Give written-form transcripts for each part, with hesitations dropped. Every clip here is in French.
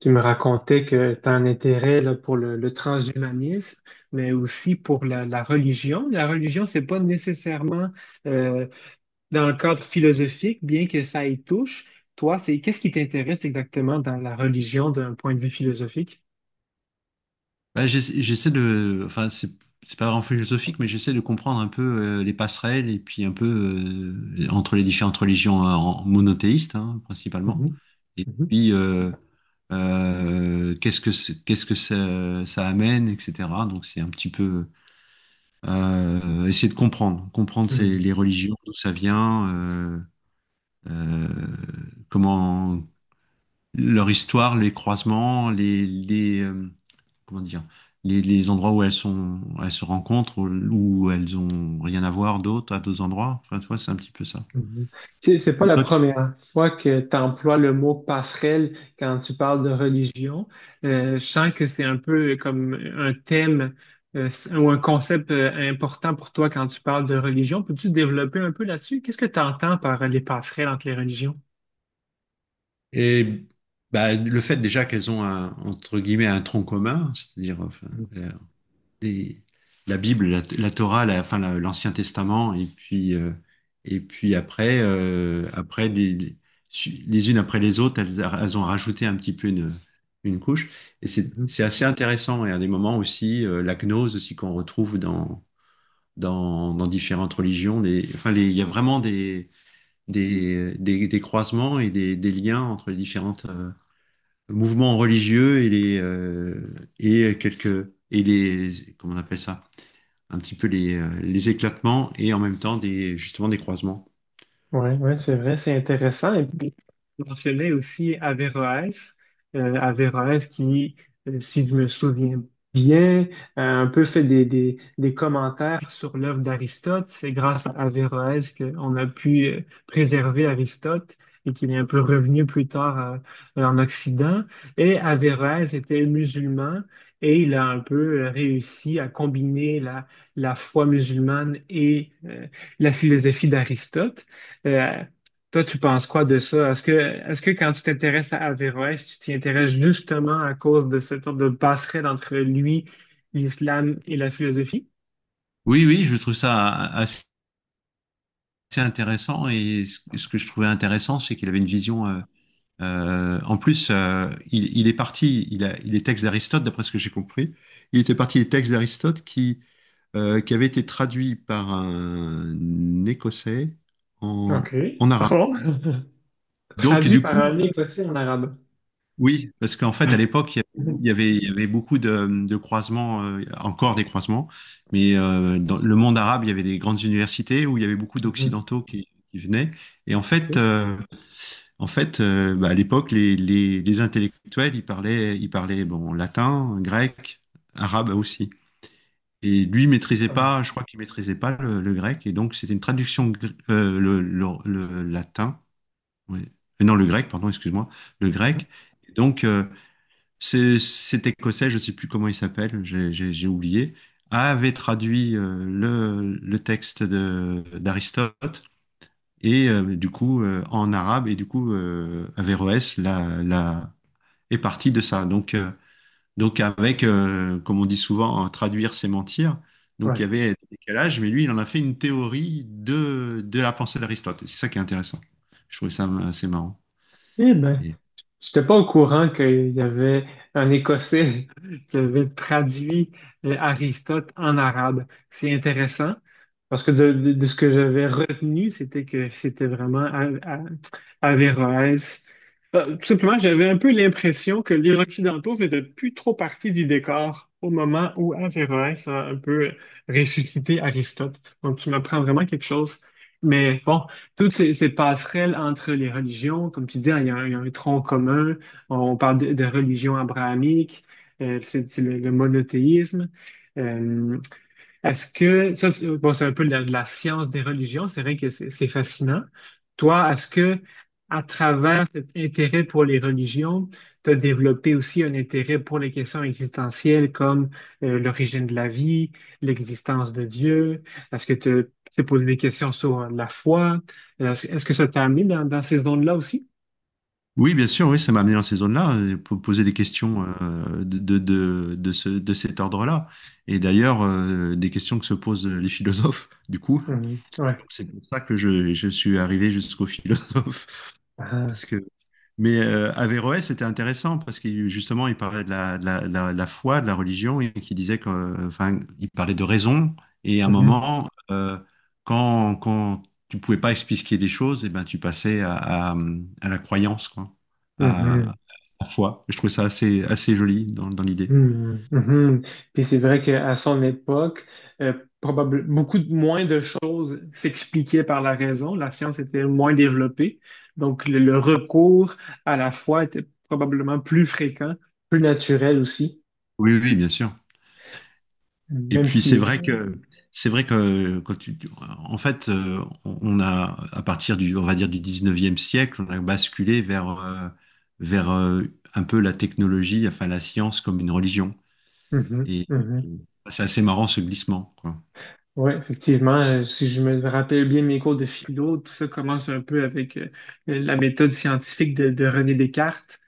Tu me racontais que tu as un intérêt là, pour le transhumanisme, mais aussi pour la religion. La religion, c'est pas nécessairement euh, dans le cadre philosophique, bien que ça y touche. Toi, c'est qu'est-ce qui t'intéresse exactement dans la religion d'un point de vue philosophique? Bah, j'essaie de, enfin, c'est pas vraiment philosophique, mais j'essaie de comprendre un peu les passerelles et puis un peu entre les différentes religions, hein, monothéistes, hein, principalement. Mhm, Et puis, qu'est-ce que qu'est-ce que ça amène, etc. Donc, c'est un petit peu essayer de comprendre, mhm, les religions, d'où ça vient, euh, comment leur histoire, les croisements, comment dire, les endroits où elles sont, elles se rencontrent, où elles ont rien à voir d'autre à d'autres endroits. Enfin, tu vois, c'est un petit peu ça. mhm. Tu sais, c'est pas Et la toi, tu- première fois que tu emploies le mot passerelle quand tu parles de religion. Je sens que c'est un peu comme un thème ou un concept important pour toi quand tu parles de religion. Peux-tu développer un peu là-dessus? Qu'est-ce que tu entends par les passerelles entre les religions? et, bah, le fait déjà qu'elles ont un, entre guillemets, un tronc commun, c'est-à-dire, enfin, et la Bible, la Torah, la, enfin l'Ancien Testament, et puis après les unes après les autres, elles ont rajouté un petit peu une couche. Et c'est assez intéressant. Et à des moments aussi, la gnose aussi qu'on retrouve dans différentes religions. Enfin, il y a vraiment des croisements et des liens entre les différentes mouvements religieux et les et quelques et les, comment on appelle ça? Un petit peu les éclatements et en même temps des, justement des croisements. Oui, ouais, ouais, c'est vrai, c'est intéressant. Et puis, tu mentionnais aussi Averroès, Averroès qui, si je me souviens bien, a un peu fait des commentaires sur l'œuvre d'Aristote. C'est grâce à Averroès qu'on a pu préserver Aristote et qu'il est un peu revenu plus tard en Occident. Et Averroès était musulman et il a un peu réussi à combiner la foi musulmane et la philosophie d'Aristote. Euh, Toi, tu penses quoi de ça? Est-ce que quand tu t'intéresses à Averroès, tu t'y intéresses justement à cause de cette sorte de passerelle entre lui, l'islam et la philosophie? Oui, oui, je trouve ça assez intéressant, et ce que je trouvais intéressant, c'est qu'il avait une vision. En plus, il est parti, il est texte d'Aristote, d'après ce que j'ai compris. Il était parti des textes d'Aristote qui avaient été traduits par un Écossais OK. en arabe. Oh. Donc, Traduit du par coup, un écossais en arabe. oui, parce qu'en fait, à l'époque, il y avait beaucoup de croisements, encore des croisements, mais dans le monde arabe, il y avait des grandes universités où il y avait beaucoup Mhm. d'Occidentaux qui venaient. Et en fait, OK. Bah, à l'époque, les intellectuels, ils parlaient, bon, latin, grec, arabe aussi. Et lui maîtrisait Ah. pas, je crois qu'il maîtrisait pas le grec, et donc c'était une traduction, le latin, ouais. Non, le grec, pardon, excuse-moi, le Ah. grec. Et donc, cet Écossais, je ne sais plus comment il s'appelle, j'ai oublié, avait traduit le texte d'Aristote et du coup, en arabe, et du coup, Averroès est parti de ça. Donc, avec, comme on dit souvent, hein, traduire c'est mentir. Donc il Ouais. y avait des décalages, mais lui il en a fait une théorie de la pensée d'Aristote. Et c'est ça qui est intéressant. Je trouvais ça assez marrant. Eh ben. J'étais pas au courant qu'il y avait un Écossais qui avait traduit Aristote en arabe. C'est intéressant parce que de ce que j'avais retenu, c'était que c'était vraiment Averroès. Tout simplement, j'avais un peu l'impression que les Occidentaux faisaient plus trop partie du décor au moment où Averroès a un peu ressuscité Aristote. Donc, tu m'apprends vraiment quelque chose. Mais bon, toutes ces passerelles entre les religions, comme tu dis, il y a il y a un tronc commun. On parle de religion abrahamique, c'est le monothéisme. Euh, est-ce que, ça, c'est- bon, c'est un peu la science des religions, c'est vrai que c'est fascinant. Toi, est-ce que, à travers cet intérêt pour les religions, tu as développé aussi un intérêt pour les questions existentielles comme l'origine de la vie, l'existence de Dieu? Est-ce que tu t'es posé des questions sur la foi? Est-ce que ça t'a amené dans, dans ces zones-là aussi? Oui, bien sûr, oui, ça m'a amené dans ces zones-là, pour poser des questions de cet ordre-là. Et d'ailleurs, des questions que se posent les philosophes, du coup. Mhm. Ouais. Donc, c'est pour ça que je suis arrivé jusqu'aux philosophes. Ah. parce que mais Averroès, c'était intéressant parce que justement, il parlait de la foi, de la religion, et qui disait que, enfin, il parlait de raison. Et à un Mhm. moment, quand tu pouvais pas expliquer des choses, et ben, tu passais à, à la croyance, quoi, à Mhm. la foi. Je trouve ça assez joli dans l'idée. Mhm, mhm. Puis c'est vrai qu'à son époque, euh, beaucoup moins de choses s'expliquaient par la raison. La science était moins développée. Donc, le recours à la foi était probablement plus fréquent, plus naturel aussi, Oui, oui, bien sûr. Et même puis c'est si... vrai que quand en fait, on a, à partir du, on va dire, du 19e siècle, on a basculé vers vers euh, un peu la technologie, enfin la science comme une religion. Mhm, Et euh, mhm. c'est assez marrant, ce glissement, quoi. Ouais, effectivement, si je me rappelle bien mes cours de philo, tout ça commence un peu avec la méthode scientifique de René Descartes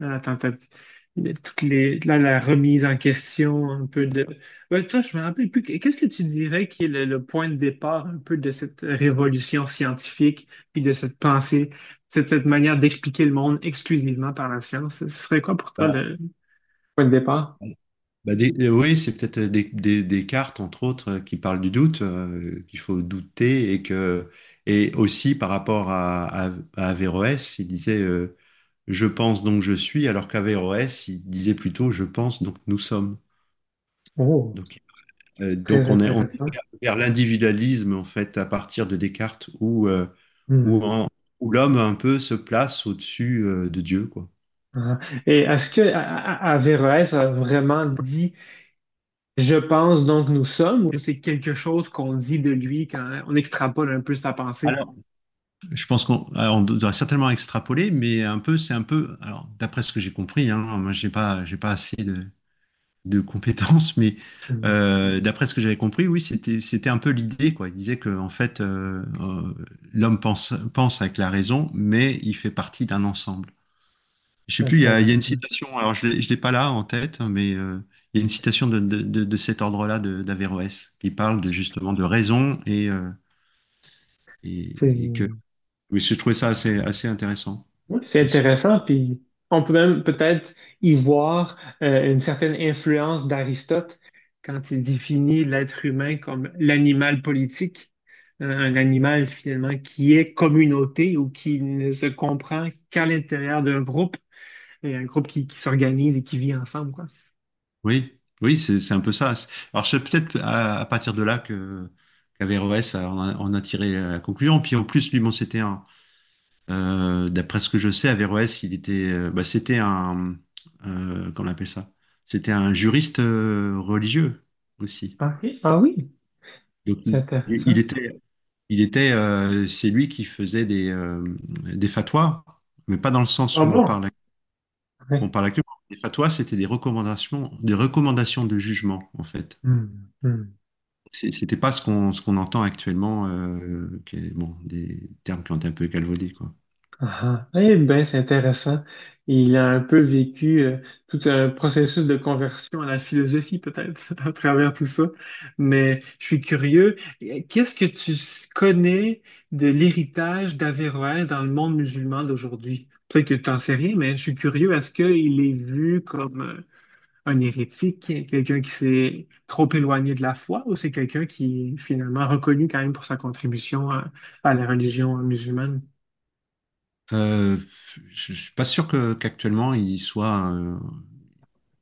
dans la tentative, de toutes les, là, la remise en question un peu de... Ouais, toi, je me rappelle plus, qu'est-ce que tu dirais qui est le point de départ un peu de cette révolution scientifique, puis de cette pensée, cette manière d'expliquer le monde exclusivement par la science? Ce serait quoi pour toi Bah, le point de départ? Bah, oui, c'est peut-être des cartes, entre autres, qui parlent du doute, qu'il faut douter, et que et aussi par rapport à Averroès, il disait je pense donc je suis, alors qu'Averroès, il disait plutôt je pense donc nous sommes. Oh, Donc, très on est intéressant. Vers l'individualisme, en fait, à partir de Descartes, où, Hmm. en- où l'homme un peu se place au-dessus, de Dieu, quoi. Ah. Et est-ce que Averroès a vraiment dit je pense donc nous sommes ou c'est quelque chose qu'on dit de lui quand on extrapole un peu sa pensée? Je pense qu'on doit certainement extrapoler, mais un peu, c'est un peu. Alors, d'après ce que j'ai compris, hein, moi, j'ai pas assez de compétences, mais d'après ce que j'avais compris, oui, c'était un peu l'idée, quoi. Il disait que, en fait, l'homme pense avec la raison, mais il fait partie d'un ensemble. Je sais plus, il y a une Intéressant. citation. Alors, je l'ai pas là en tête, hein, mais il y a une citation de cet ordre-là d'Averroès qui parle de, justement de raison C'est et, et que. Mais je trouvais ça assez intéressant. oui, c'est Et intéressant, puis on peut même peut-être y voir une certaine influence d'Aristote quand il définit l'être humain comme l'animal politique, un animal finalement qui est communauté ou qui ne se comprend qu'à l'intérieur d'un groupe, et un groupe qui s'organise et qui vit ensemble, quoi. oui, oui, c'est un peu ça. Alors c'est peut-être à partir de là que qu'Averroès a- en a, en a tiré la conclusion. Puis en plus, lui, mon CT1, d'après ce que je sais, Averroès, bah, c'était un, comment on appelle ça? C'était un juriste, religieux aussi. Ah, oui, ah oui, Donc c'est intéressant. C'est lui qui faisait des fatwas, mais pas dans le sens Ah où bon? on Oui. parle actuellement. Les fatwas, c'était des recommandations de jugement, en fait. Hmm, hmm. C'était pas ce qu'on entend actuellement, bon, des termes qui ont été un peu galvaudés, quoi. Ah, ah. Eh bien, c'est intéressant. Il a un peu vécu tout un processus de conversion à la philosophie, peut-être, à travers tout ça. Mais je suis curieux. Qu'est-ce que tu connais de l'héritage d'Averroès dans le monde musulman d'aujourd'hui? Peut-être que tu n'en sais rien, mais je suis curieux, est-ce qu'il est vu comme un hérétique, quelqu'un qui s'est trop éloigné de la foi, ou c'est quelqu'un qui est finalement reconnu quand même pour sa contribution à la religion musulmane? Euh, je suis pas sûr que qu'actuellement il soit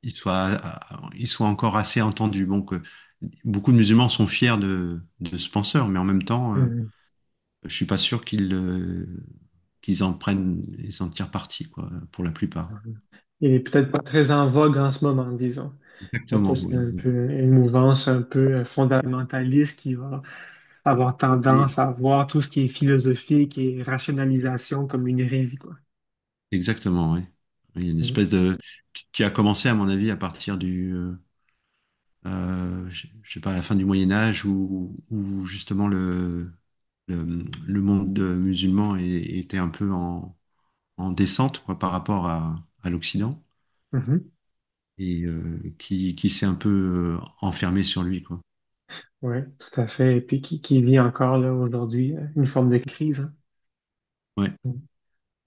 il soit il soit encore assez entendu. Bon, que beaucoup de musulmans sont fiers de ce penseur, mais en même temps, je suis pas sûr ils en tirent parti, quoi, pour la plupart. Il est peut-être pas très en vogue en ce moment, disons. Après, Exactement. c'est Voilà. un peu une mouvance un peu fondamentaliste qui va avoir Et- tendance à voir tout ce qui est philosophique et rationalisation comme une hérésie, quoi. Exactement, oui. Il y a une Mhm. espèce de qui a commencé, à mon avis, à partir du, je sais pas, à la fin du Moyen Âge, où justement le monde, musulman était un peu en descente, quoi, par rapport à l'Occident, Mhm. et qui s'est un peu enfermé sur lui, quoi. Oui, tout à fait. Et puis qui vit encore là aujourd'hui une forme de crise, hein. Ouais, Mhm.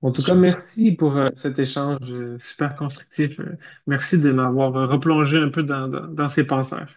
En c'est tout cas, sûr. merci pour cet échange super constructif. Merci de m'avoir replongé un peu dans, dans, dans ces penseurs.